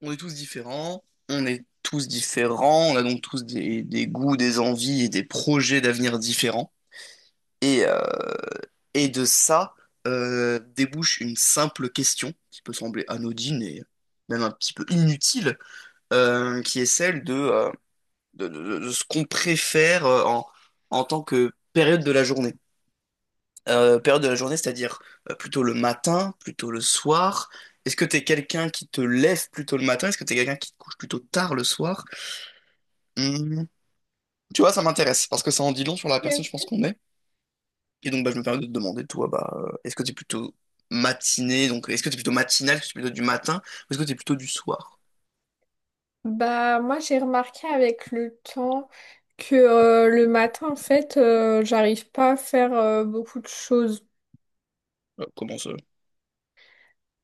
On est tous différents, on est tous différents, on a donc tous des goûts, des envies et des projets d'avenir différents. Et, euh, et de ça débouche une simple question qui peut sembler anodine et même un petit peu inutile, qui est celle de, de ce qu'on préfère en tant que période de la journée. Période de la journée, c'est-à-dire plutôt le matin, plutôt le soir. Est-ce que t'es quelqu'un qui te lève plutôt le matin? Est-ce que t'es quelqu'un qui te couche plutôt tard le soir? Hum, Tu vois, ça m'intéresse parce que ça en dit long sur la Ok, personne, je pense ok. qu'on est. Et donc, bah, je me permets de te demander, toi, bah, est-ce que t'es plutôt matinée, donc est-ce que t'es plutôt matinale, est-ce que t'es plutôt du matin, ou est-ce que t'es plutôt du soir? Bah, moi, j'ai remarqué avec le temps que le matin, en fait, j'arrive pas à faire beaucoup de choses. Comment ça?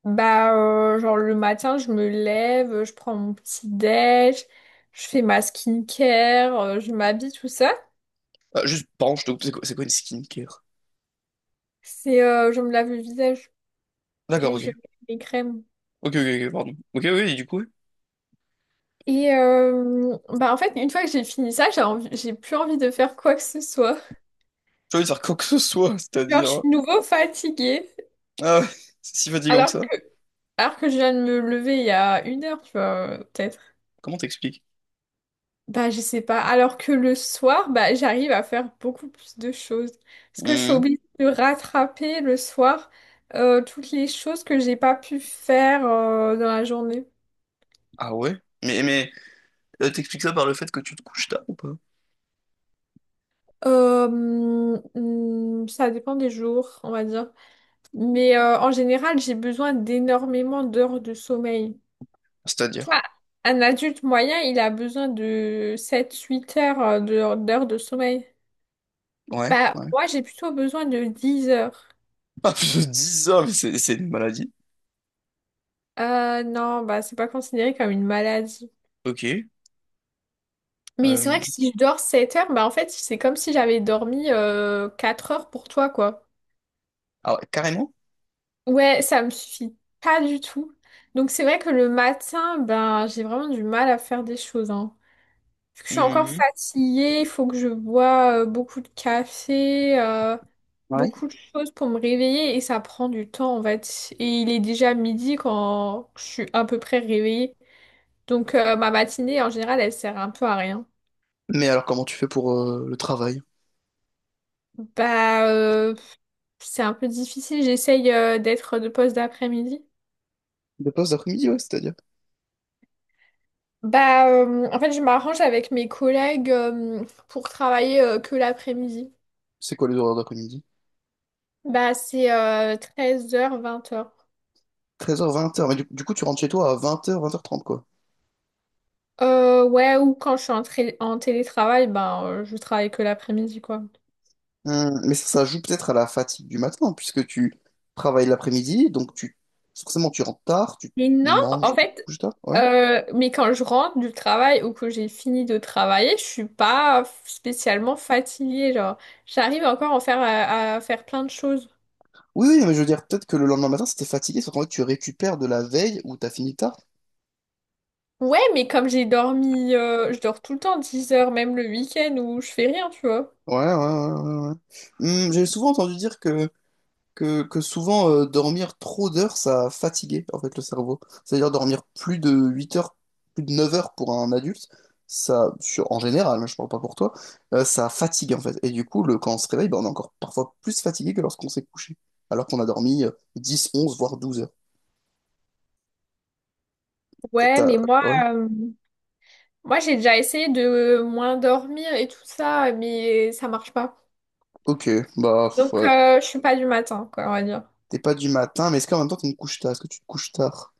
Bah, genre le matin, je me lève, je prends mon petit déj, je fais ma skincare, je m'habille, tout ça. Ah, juste, pardon, je te coupe, c'est quoi une skincare? C'est, je me lave le visage D'accord, et je ok. mets mes crèmes. Ok, ok, ok, pardon. Ok, oui, et du coup, oui. Et bah, en fait, une fois que j'ai fini ça, j'ai plus envie de faire quoi que ce soit. J'ai envie de faire quoi que ce soit, Genre, je c'est-à-dire, suis hein. de nouveau fatiguée. Ah ouais, c'est si fatigant que Alors ça. que, alors que je viens de me lever il y a une heure, tu vois, peut-être. Comment t'expliques? Bah, je sais pas. Alors que le soir, bah, j'arrive à faire beaucoup plus de choses. Parce que je suis Hum. obligée de rattraper le soir toutes les choses que j'ai pas pu faire dans la journée. Ah ouais? Mais t'expliques ça par le fait que tu te couches tard ou pas? Euh, ça dépend des jours, on va dire. Mais en général, j'ai besoin d'énormément d'heures de sommeil. C'est-à-dire? Toi, un adulte moyen, il a besoin de sept huit heures d'heures de sommeil. Ouais, Bah, ouais. moi, j'ai plutôt besoin de 10 heures. Ah, je dis ça, mais c'est une maladie. Non, bah, c'est pas considéré comme une maladie. Ok. Mais c'est Euh, vrai que si je dors 7 heures, bah, en fait, c'est comme si j'avais dormi 4 heures pour toi, quoi. ah ouais, carrément? Ouais, ça me suffit pas du tout. Donc, c'est vrai que le matin, ben, j'ai vraiment du mal à faire des choses, hein. Vu que je suis encore Mhm. fatiguée, il faut que je bois beaucoup de café, Ouais. beaucoup de choses pour me réveiller et ça prend du temps, en fait. Et il est déjà midi quand je suis à peu près réveillée. Donc ma matinée, en général, elle sert un peu à rien. Mais alors, comment tu fais pour le travail? Bah, c'est un peu difficile. J'essaye d'être de poste d'après-midi. Des postes d'après-midi, ouais, c'est-à-dire. Bah, en fait, je m'arrange avec mes collègues pour travailler que l'après-midi. C'est quoi les horaires d'après-midi? Bah, c'est treize heures vingt heures. Treize heures vingt heures. Mais du coup, tu rentres chez toi à vingt heures trente, quoi. Ouais, ou quand je suis en télétravail, ben, je travaille que l'après-midi, quoi. Mais ça joue peut-être à la fatigue du matin, puisque tu travailles l'après-midi, donc tu, forcément, tu rentres tard, tu Mais non, manges, en tu te fait, couches tard, ouais. Mais quand je rentre du travail ou que j'ai fini de travailler, je suis pas spécialement fatiguée, genre. J'arrive encore à faire, à faire plein de choses. Oui, oui, mais je veux dire, peut-être que le lendemain matin, c'était fatigué, sauf qu'en fait, tu récupères de la veille où t'as fini tard. Ouais, mais comme j'ai dormi, je dors tout le temps 10 heures, même le week-end où je fais rien, tu vois. Ouais, ouais, ouais, ouais. Ouais. J'ai souvent entendu dire que que souvent dormir trop d'heures, ça fatiguait en fait le cerveau. C'est-à-dire dormir plus de 8 heures, plus de 9 heures pour un adulte, ça, en général, hein, je parle pas pour toi, ça fatigue en fait. Et du coup, quand on se réveille, ben, on est encore parfois plus fatigué que lorsqu'on s'est couché, alors qu'on a dormi 10, 11, voire 12 heures. T'as- Ouais, t'as- mais moi, Ouais, moi j'ai déjà essayé de moins dormir et tout ça, mais ça marche pas. ok, bah pff, Donc, ouais. Je suis pas du matin, quoi, on va dire. T'es pas du matin, mais est-ce qu'en même temps tu me couches tard? Est-ce que tu te couches tard?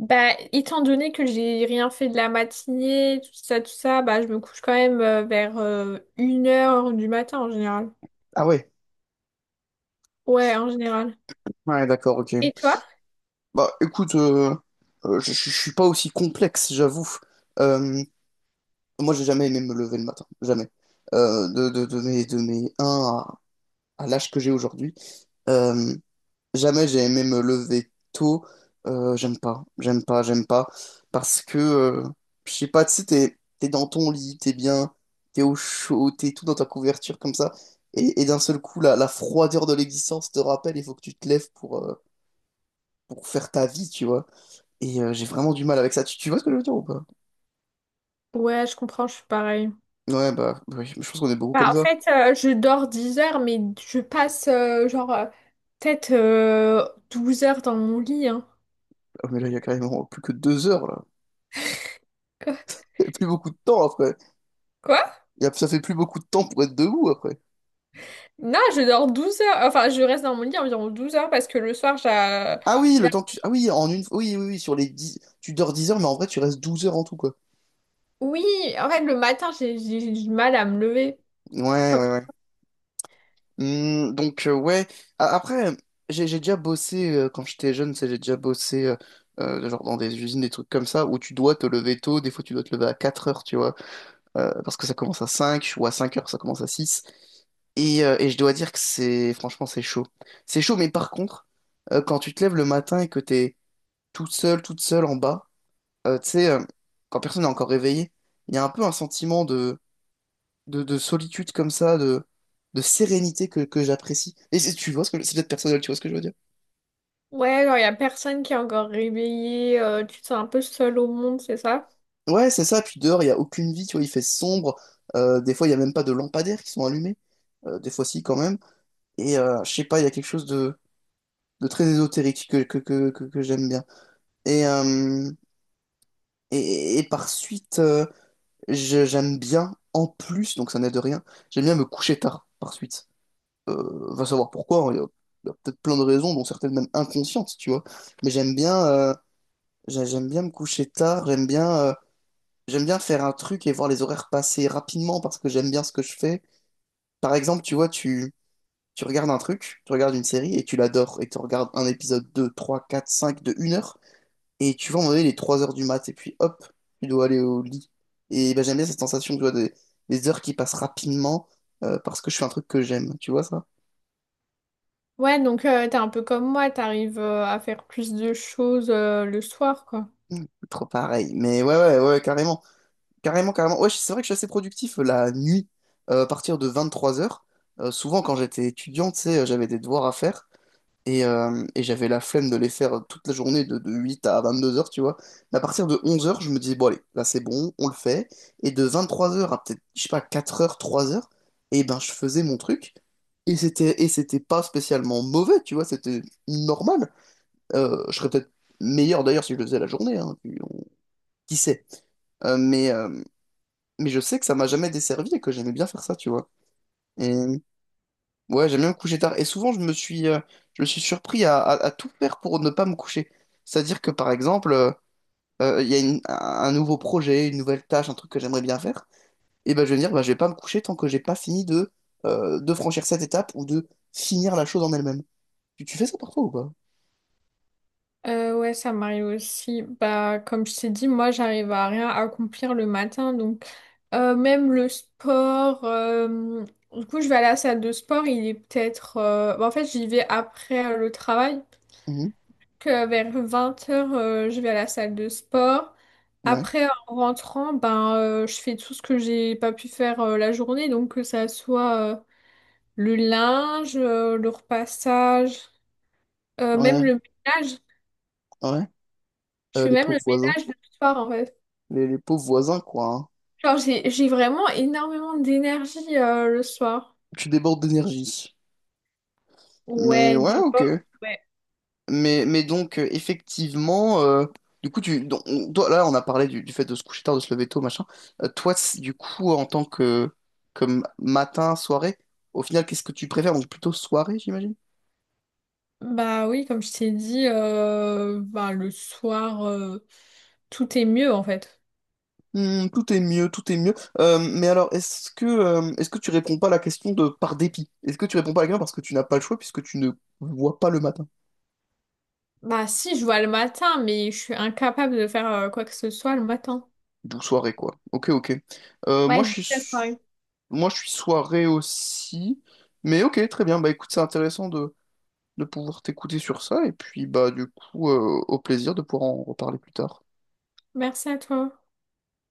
Bah, étant donné que j'ai rien fait de la matinée, tout ça, bah, je me couche quand même vers une heure du matin en général. Ah ouais, Ouais, en général. ouais, d'accord, ok. Et toi? Bah écoute, je suis pas aussi complexe, j'avoue. Euh, Moi, j'ai jamais aimé me lever le matin, jamais. De mes un à, l'âge que j'ai aujourd'hui, euh, jamais j'ai aimé me lever tôt. J'aime pas, j'aime pas, j'aime pas. Parce que, je sais pas, tu sais, t'es dans ton lit, t'es bien, t'es au chaud, t'es tout dans ta couverture comme ça. Et d'un seul coup, la froideur de l'existence te rappelle, il faut que tu te lèves pour faire ta vie, tu vois. Et j'ai vraiment du mal avec ça. Tu vois ce que je veux dire ou pas? Ouais, je comprends, je suis pareil. Ouais, bah, bah oui, je pense qu'on est beaucoup comme Bah, en ça. fait, je dors 10 heures, mais je passe genre peut-être 12 heures dans mon lit, hein. Ah, mais là, il y a carrément plus que 2 heures, là. Quoi? Il y a plus beaucoup de temps après. Quoi? Ça fait plus beaucoup de temps pour être debout après. Non, je dors 12 heures. Enfin, je reste dans mon lit environ 12 heures parce que le soir, j'ai... Ah oui, j'ai- le temps que tu. Ah oui, en une. Oui, oui, oui, sur les dix. Tu dors 10 heures, mais en vrai, tu restes 12 heures en tout, quoi. Oui, en fait, le matin, j'ai du mal à me lever. Ouais, ouais, ouais. Donc, ouais. Après, j'ai déjà bossé, quand j'étais jeune, j'ai déjà bossé, genre dans des usines, des trucs comme ça, où tu dois te lever tôt. Des fois, tu dois te lever à 4 heures, tu vois. Parce que ça commence à 5 ou à 5 heures, ça commence à six. Et je dois dire que c'est franchement c'est chaud. C'est chaud, mais par contre, quand tu te lèves le matin et que t'es tout seul, toute seule en bas, tu sais, quand personne n'est encore réveillé, il y a un peu un sentiment de solitude comme ça, de sérénité que j'apprécie. Et tu vois ce que c'est peut-être personnel, tu vois ce que je veux dire? Ouais, genre, il y a personne qui est encore réveillé, tu te sens un peu seul au monde, c'est ça? Ouais, c'est ça, puis dehors, il n'y a aucune vie, tu vois, il fait sombre. Des fois, il n'y a même pas de lampadaires qui sont allumés. Des fois, si, quand même. Et je sais pas, il y a quelque chose de, très ésotérique que j'aime bien. Et, euh, et par suite, j'aime bien, en plus, donc ça n'aide rien, j'aime bien me coucher tard par suite. Va savoir pourquoi, hein, il y a peut-être plein de raisons, dont certaines même inconscientes, tu vois. Mais j'aime bien me coucher tard, j'aime bien faire un truc et voir les horaires passer rapidement parce que j'aime bien ce que je fais. Par exemple, tu vois, tu regardes un truc, tu regardes une série et tu l'adores et tu regardes un épisode 2 3 4 5 de 1 heure. Et tu vois, à un moment donné, il est 3 heures du mat, et puis hop, tu dois aller au lit. Et ben, j'aime bien cette sensation, tu vois, des heures qui passent rapidement parce que je fais un truc que j'aime, tu vois ça? Ouais, donc t'es un peu comme moi, t'arrives à faire plus de choses le soir, quoi. Mm. Trop pareil. Mais ouais, ouais, ouais, carrément. Carrément, carrément. Ouais, c'est vrai que je suis assez productif la nuit, à partir de 23 heures. Souvent, quand j'étais étudiant, tu sais, j'avais des devoirs à faire. Et j'avais la flemme de les faire toute la journée de, 8 à 22 heures, tu vois. Mais à partir de 11 heures, je me disais, bon, allez, là c'est bon, on le fait. Et de 23 heures à peut-être, je sais pas, 4 heures, 3 heures, et ben je faisais mon truc. Et c'était pas spécialement mauvais, tu vois, c'était normal. Je serais peut-être meilleur d'ailleurs si je le faisais la journée, hein, puis qui sait. Euh, mais, euh, mais je sais que ça m'a jamais desservi et que j'aimais bien faire ça, tu vois. Et Ouais, j'aime bien me coucher tard. Et souvent, je me suis surpris à tout faire pour ne pas me coucher. C'est-à-dire que, par exemple, il y a un nouveau projet, une nouvelle tâche, un truc que j'aimerais bien faire. Et ben, je vais me dire, bah je vais pas me coucher tant que j'ai pas fini de franchir cette étape ou de finir la chose en elle-même. Tu fais ça parfois ou pas? Ouais, ça m'arrive aussi. Bah, comme je t'ai dit, moi, j'arrive à rien accomplir le matin, donc même le sport. Du coup, je vais à la salle de sport, il est peut-être. Bah, en fait, j'y vais après le travail. Mhm. Que vers 20 h, je vais à la salle de sport. Ouais, Après, en rentrant, ben, je fais tout ce que j'ai pas pu faire la journée. Donc, que ça soit le linge, le repassage, même ouais, le ménage. ouais. Je fais Les même pauvres le voisins. ménage le soir, en fait. Les pauvres voisins, quoi, hein. Genre, j'ai vraiment énormément d'énergie le soir. Tu débordes d'énergie. Mais Ouais, ouais, des ok. bords, ouais. Mais donc, effectivement, du coup, toi, là, on a parlé du fait de se coucher tard, de se lever tôt, machin. Toi, du coup, en tant que comme matin, soirée, au final, qu'est-ce que tu préfères? Donc, plutôt soirée, j'imagine? Bah oui, comme je t'ai dit, ben, le soir, tout est mieux, en fait. Tout est mieux, tout est mieux. Mais alors, est-ce que tu réponds pas à la question de par dépit? Est-ce que tu réponds pas à la question parce que tu n'as pas le choix puisque tu ne vois pas le matin? Bah si, je vois le matin, mais je suis incapable de faire quoi que ce soit le matin. D'où soirée, quoi. Ok, ok. Euh, moi, Ouais, toute je la suis, soirée. moi, je suis soirée aussi. Mais ok, très bien. Bah écoute, c'est intéressant de pouvoir t'écouter sur ça. Et puis, bah, du coup, au plaisir de pouvoir en reparler plus tard. Merci à toi.